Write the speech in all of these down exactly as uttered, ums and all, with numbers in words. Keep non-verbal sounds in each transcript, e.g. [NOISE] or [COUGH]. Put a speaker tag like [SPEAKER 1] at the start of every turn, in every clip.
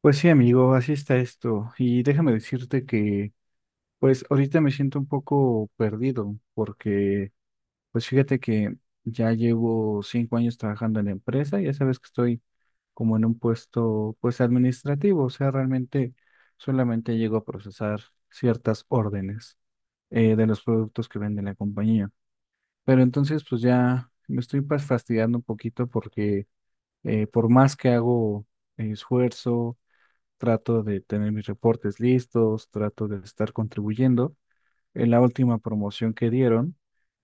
[SPEAKER 1] Pues sí, amigo, así está esto. Y déjame decirte que, pues ahorita me siento un poco perdido porque, pues fíjate que ya llevo cinco años trabajando en la empresa. Ya sabes que estoy como en un puesto, pues administrativo, o sea, realmente solamente llego a procesar ciertas órdenes eh, de los productos que vende la compañía. Pero entonces, pues ya me estoy, pues, fastidiando un poquito porque eh, por más que hago eh, esfuerzo, trato de tener mis reportes listos, trato de estar contribuyendo. En la última promoción que dieron,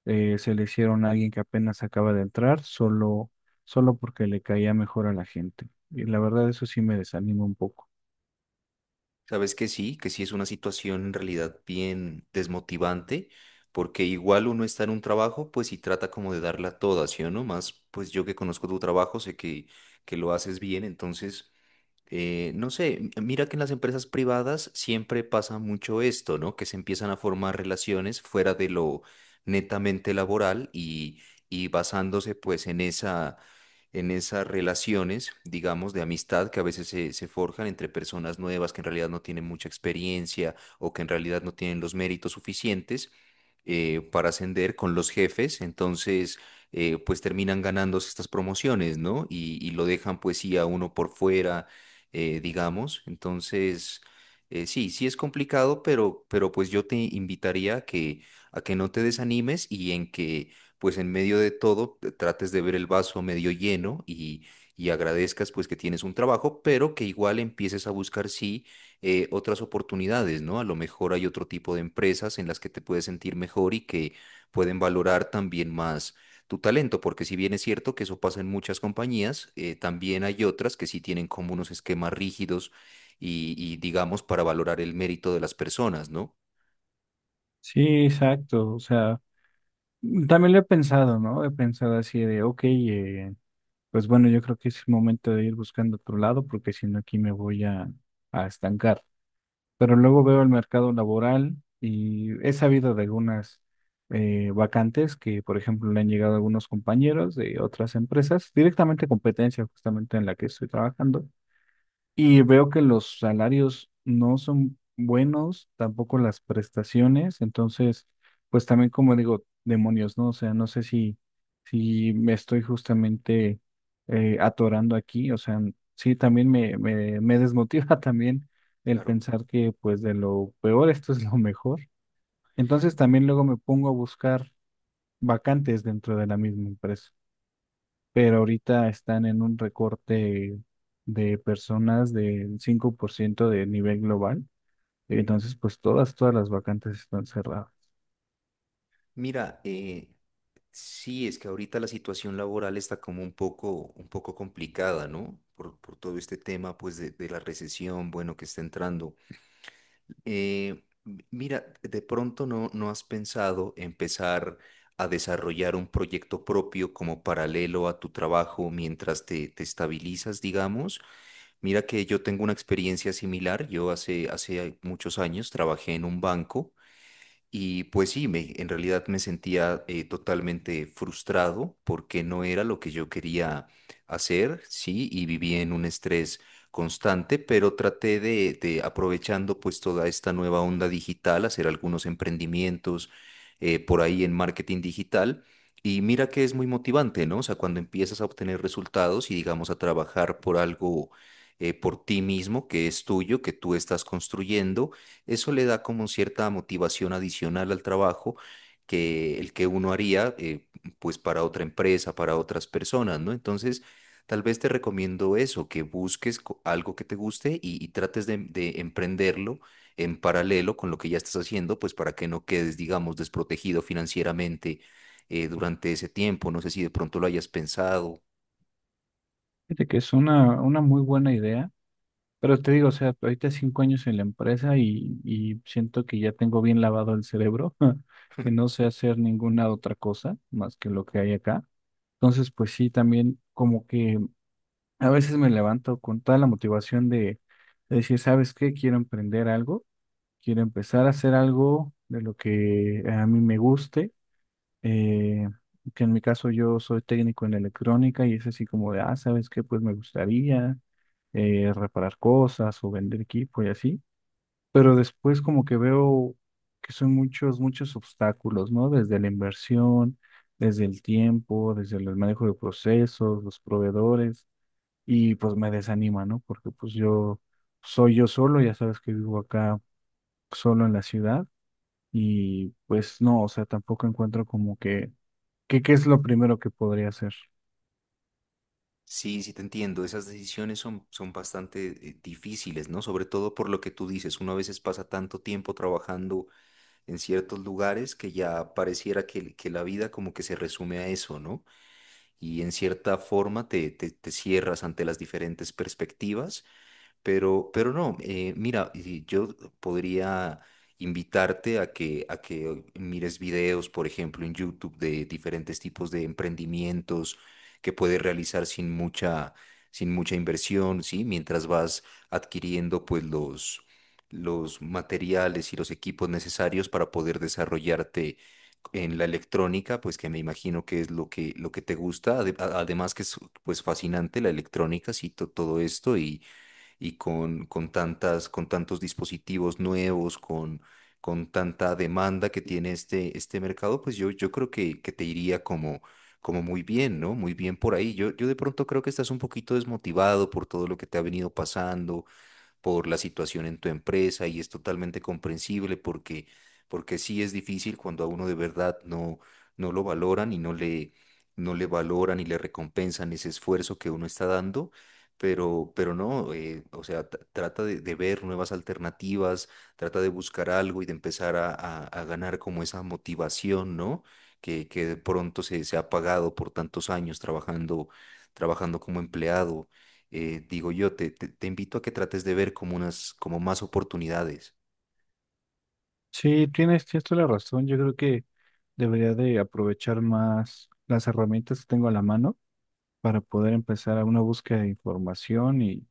[SPEAKER 1] eh, se le hicieron a alguien que apenas acaba de entrar, solo, solo porque le caía mejor a la gente. Y la verdad, eso sí me desanima un poco.
[SPEAKER 2] Sabes que sí, que sí es una situación en realidad bien desmotivante, porque igual uno está en un trabajo, pues y trata como de darla toda, ¿sí o no? Más, pues yo que conozco tu trabajo, sé que, que lo haces bien, entonces eh, no sé, m- mira que en las empresas privadas siempre pasa mucho esto, ¿no? Que se empiezan a formar relaciones fuera de lo netamente laboral y, y basándose pues en esa, en esas relaciones, digamos, de amistad que a veces se, se forjan entre personas nuevas que en realidad no tienen mucha experiencia o que en realidad no tienen los méritos suficientes eh, para ascender con los jefes, entonces eh, pues terminan ganándose estas promociones, ¿no? Y, y lo dejan pues sí a uno por fuera, eh, digamos. Entonces, eh, sí, sí es complicado, pero, pero pues yo te invitaría a que, a que no te desanimes y en que, pues en medio de todo, te trates de ver el vaso medio lleno y, y agradezcas pues que tienes un trabajo, pero que igual empieces a buscar, sí, eh, otras oportunidades, ¿no? A lo mejor hay otro tipo de empresas en las que te puedes sentir mejor y que pueden valorar también más tu talento, porque si bien es cierto que eso pasa en muchas compañías, eh, también hay otras que sí tienen como unos esquemas rígidos y, y, digamos, para valorar el mérito de las personas, ¿no?
[SPEAKER 1] Sí, exacto. O sea, también lo he pensado, ¿no? He pensado así de, ok, eh, pues bueno, yo creo que es el momento de ir buscando otro lado, porque si no, aquí me voy a, a estancar. Pero luego veo el mercado laboral y he sabido de algunas eh, vacantes que, por ejemplo, le han llegado a algunos compañeros de otras empresas, directamente competencia justamente en la que estoy trabajando, y veo que los salarios no son buenos, tampoco las prestaciones. Entonces, pues también como digo, demonios, ¿no? O sea, no sé si, si me estoy justamente eh, atorando aquí. O sea, sí, también me, me, me desmotiva [LAUGHS] también el
[SPEAKER 2] Claro.
[SPEAKER 1] pensar que, pues, de lo peor esto es lo mejor. Entonces también luego me pongo a buscar vacantes dentro de la misma empresa, pero ahorita están en un recorte de personas del cinco por ciento del nivel global. Entonces, pues todas, todas las vacantes están cerradas.
[SPEAKER 2] Mira, eh, sí, es que ahorita la situación laboral está como un poco, un poco complicada, ¿no? Por, por todo este tema, pues, de, de la recesión, bueno, que está entrando. Eh, m- mira, de pronto no, no has pensado empezar a desarrollar un proyecto propio como paralelo a tu trabajo mientras te, te estabilizas, digamos. Mira que yo tengo una experiencia similar. Yo hace, hace muchos años trabajé en un banco. Y pues sí, me, en realidad me sentía eh, totalmente frustrado porque no era lo que yo quería hacer, sí, y vivía en un estrés constante, pero traté de, de aprovechando pues toda esta nueva onda digital, hacer algunos emprendimientos eh, por ahí en marketing digital. Y mira que es muy motivante, ¿no? O sea, cuando empiezas a obtener resultados y digamos a trabajar por algo, eh, por ti mismo, que es tuyo, que tú estás construyendo, eso le da como cierta motivación adicional al trabajo que el que uno haría, eh, pues para otra empresa, para otras personas, ¿no? Entonces, tal vez te recomiendo eso, que busques co- algo que te guste y, y trates de, de emprenderlo en paralelo con lo que ya estás haciendo, pues para que no quedes, digamos, desprotegido financieramente eh, durante ese tiempo. No sé si de pronto lo hayas pensado.
[SPEAKER 1] Fíjate que es una, una muy buena idea, pero te digo, o sea, ahorita cinco años en la empresa y, y siento que ya tengo bien lavado el cerebro, [LAUGHS] que no sé hacer ninguna otra cosa más que lo que hay acá. Entonces, pues sí, también como que a veces me levanto con toda la motivación de, de decir, ¿sabes qué? Quiero emprender algo. Quiero empezar a hacer algo de lo que a mí me guste, eh, que en mi caso yo soy técnico en electrónica y es así como de, ah, ¿sabes qué? Pues me gustaría eh, reparar cosas o vender equipo y así. Pero después como que veo que son muchos, muchos obstáculos, ¿no? Desde la inversión, desde el tiempo, desde el manejo de procesos, los proveedores, y pues me desanima, ¿no? Porque pues yo soy yo solo, ya sabes que vivo acá solo en la ciudad y pues no. O sea, tampoco encuentro como que, que qué es lo primero que podría hacer.
[SPEAKER 2] Sí, sí te entiendo. Esas decisiones son, son bastante eh, difíciles, ¿no? Sobre todo por lo que tú dices. Uno a veces pasa tanto tiempo trabajando en ciertos lugares que ya pareciera que, que la vida como que se resume a eso, ¿no? Y en cierta forma te, te, te cierras ante las diferentes perspectivas, pero, pero no, eh, mira, y yo podría invitarte a que, a que mires videos, por ejemplo, en YouTube de diferentes tipos de emprendimientos que puedes realizar sin mucha, sin mucha inversión, ¿sí? Mientras vas adquiriendo pues los, los materiales y los equipos necesarios para poder desarrollarte en la electrónica, pues que me imagino que es lo que, lo que te gusta. Ade- a- Además que es pues fascinante la electrónica, sí, to- todo esto y y con, con tantas, con tantos dispositivos nuevos, con, con tanta demanda que tiene este, este mercado, pues yo, yo creo que, que te iría como, como muy bien, ¿no? Muy bien por ahí. Yo, yo de pronto creo que estás un poquito desmotivado por todo lo que te ha venido pasando por la situación en tu empresa y es totalmente comprensible porque, porque sí es difícil cuando a uno de verdad no, no lo valoran y no le, no le valoran y le recompensan ese esfuerzo que uno está dando. Pero, pero no, eh, o sea, tra- trata de, de ver nuevas alternativas, trata de buscar algo y de empezar a, a- a ganar como esa motivación, ¿no? Que, que de pronto se, se ha pagado por tantos años trabajando, trabajando como empleado, eh, digo yo, te, te- te invito a que trates de ver como unas, como más oportunidades.
[SPEAKER 1] Sí, tienes, tienes toda la razón. Yo creo que debería de aprovechar más las herramientas que tengo a la mano para poder empezar a una búsqueda de información y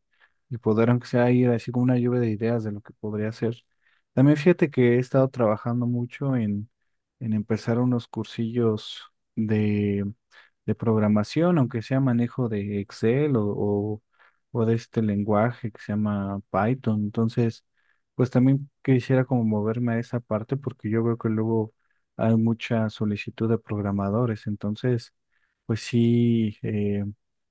[SPEAKER 1] poder, aunque sea ir así como una lluvia de ideas de lo que podría hacer. También fíjate que he estado trabajando mucho en, en empezar unos cursillos de, de programación, aunque sea manejo de Excel o, o, o de este lenguaje que se llama Python. Entonces, pues también quisiera como moverme a esa parte porque yo veo que luego hay mucha solicitud de programadores. Entonces, pues sí. eh,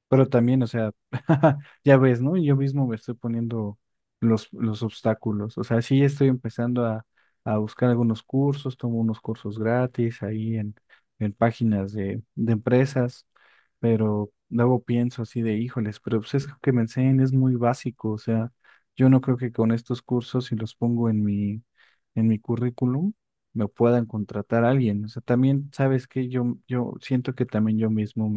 [SPEAKER 1] Pero también, o sea, [LAUGHS] ya ves, ¿no? Yo mismo me estoy poniendo los, los obstáculos. O sea, sí estoy empezando a, a buscar algunos cursos, tomo unos cursos gratis ahí en, en páginas de, de empresas, pero luego pienso así de, híjoles, pero pues es que lo que me enseñan es muy básico. O sea, yo no creo que con estos cursos, si los pongo en mi, en mi currículum, me puedan contratar a alguien. O sea, también, ¿sabes que Yo, yo siento que también yo mismo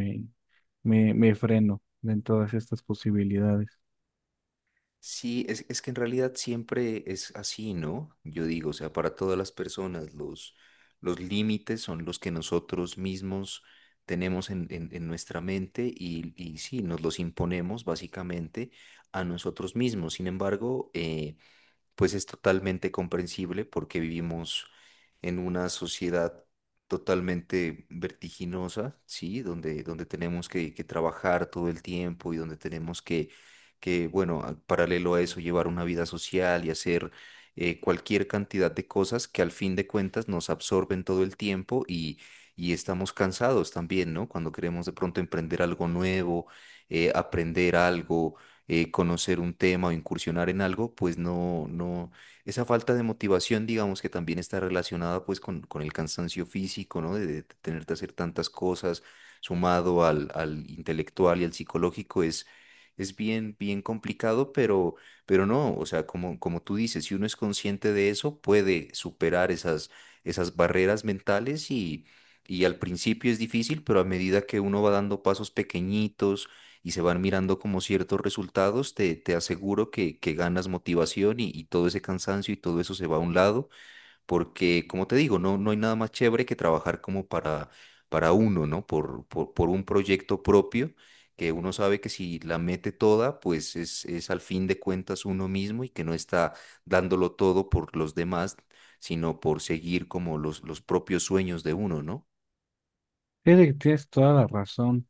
[SPEAKER 1] me, me freno en todas estas posibilidades.
[SPEAKER 2] Sí, es, es que en realidad siempre es así, ¿no? Yo digo, o sea, para todas las personas, los, los límites son los que nosotros mismos tenemos en, en- en nuestra mente y, y sí, nos los imponemos básicamente a nosotros mismos. Sin embargo, eh, pues es totalmente comprensible porque vivimos en una sociedad totalmente vertiginosa, ¿sí? Donde, donde tenemos que, que trabajar todo el tiempo y donde tenemos que, que, bueno, a- paralelo a eso, llevar una vida social y hacer eh, cualquier cantidad de cosas que al fin de cuentas nos absorben todo el tiempo y, y estamos cansados también, ¿no? Cuando queremos de pronto emprender algo nuevo, eh, aprender algo, eh, conocer un tema o incursionar en algo, pues no, no, esa falta de motivación, digamos que también está relacionada pues con, con el cansancio físico, ¿no? De, de tener que hacer tantas cosas, sumado al, al intelectual y al psicológico, es, es bien, bien complicado, pero, pero no, o sea, como, como tú dices, si uno es consciente de eso, puede superar esas, esas barreras mentales y... Y al principio es difícil, pero a medida que uno va dando pasos pequeñitos, y se van mirando como ciertos resultados, te, te aseguro que, que ganas motivación y, y todo ese cansancio y todo eso se va a un lado, porque como te digo, no, no hay nada más chévere que trabajar como para, para uno, ¿no? Por, por, por un proyecto propio, que uno sabe que si la mete toda, pues es, es al fin de cuentas uno mismo y que no está dándolo todo por los demás, sino por seguir como los, los propios sueños de uno, ¿no?
[SPEAKER 1] Fíjate que tienes toda la razón.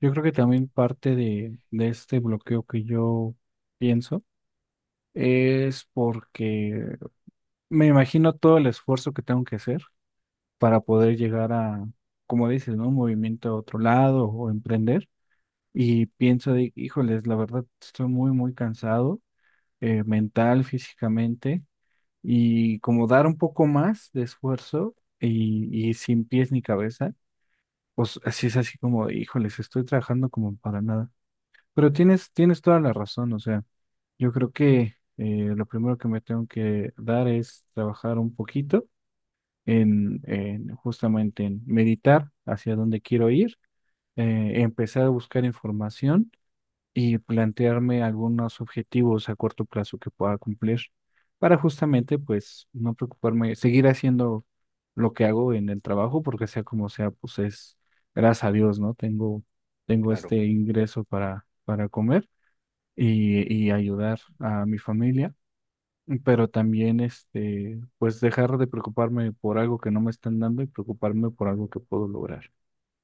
[SPEAKER 1] Yo creo que también parte de, de este bloqueo que yo pienso es porque me imagino todo el esfuerzo que tengo que hacer para poder llegar a, como dices, ¿no? Un movimiento a otro lado o emprender. Y pienso de, híjoles, la verdad estoy muy, muy cansado, eh, mental, físicamente. Y como dar un poco más de esfuerzo y, y sin pies ni cabeza, pues así es así como, híjoles, estoy trabajando como para nada. Pero tienes, tienes toda la razón. O sea, yo creo que eh, lo primero que me tengo que dar es trabajar un poquito en, en justamente en meditar hacia dónde quiero ir, eh, empezar a buscar información y plantearme algunos objetivos a corto plazo que pueda cumplir para justamente pues no preocuparme, seguir haciendo lo que hago en el trabajo porque sea como sea, pues es, gracias a Dios, ¿no? Tengo tengo
[SPEAKER 2] Claro.
[SPEAKER 1] este ingreso para para comer y y ayudar a mi familia, pero también, este, pues dejar de preocuparme por algo que no me están dando y preocuparme por algo que puedo lograr.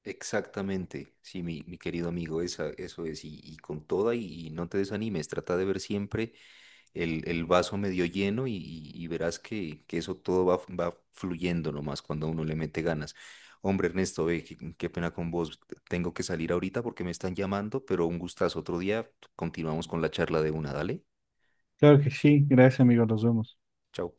[SPEAKER 2] Exactamente, sí, mi, mi querido amigo, esa, eso es, y, y con toda, y, y no te desanimes, trata de ver siempre el, el vaso medio lleno y, y- y verás que, que eso todo va, va fluyendo nomás cuando uno le mete ganas. Hombre, Ernesto, ve, qué, qué pena con vos, tengo que salir ahorita porque me están llamando, pero un gustazo, otro día continuamos con la charla de una, dale,
[SPEAKER 1] Claro que sí, gracias amigos, nos vemos.
[SPEAKER 2] chao.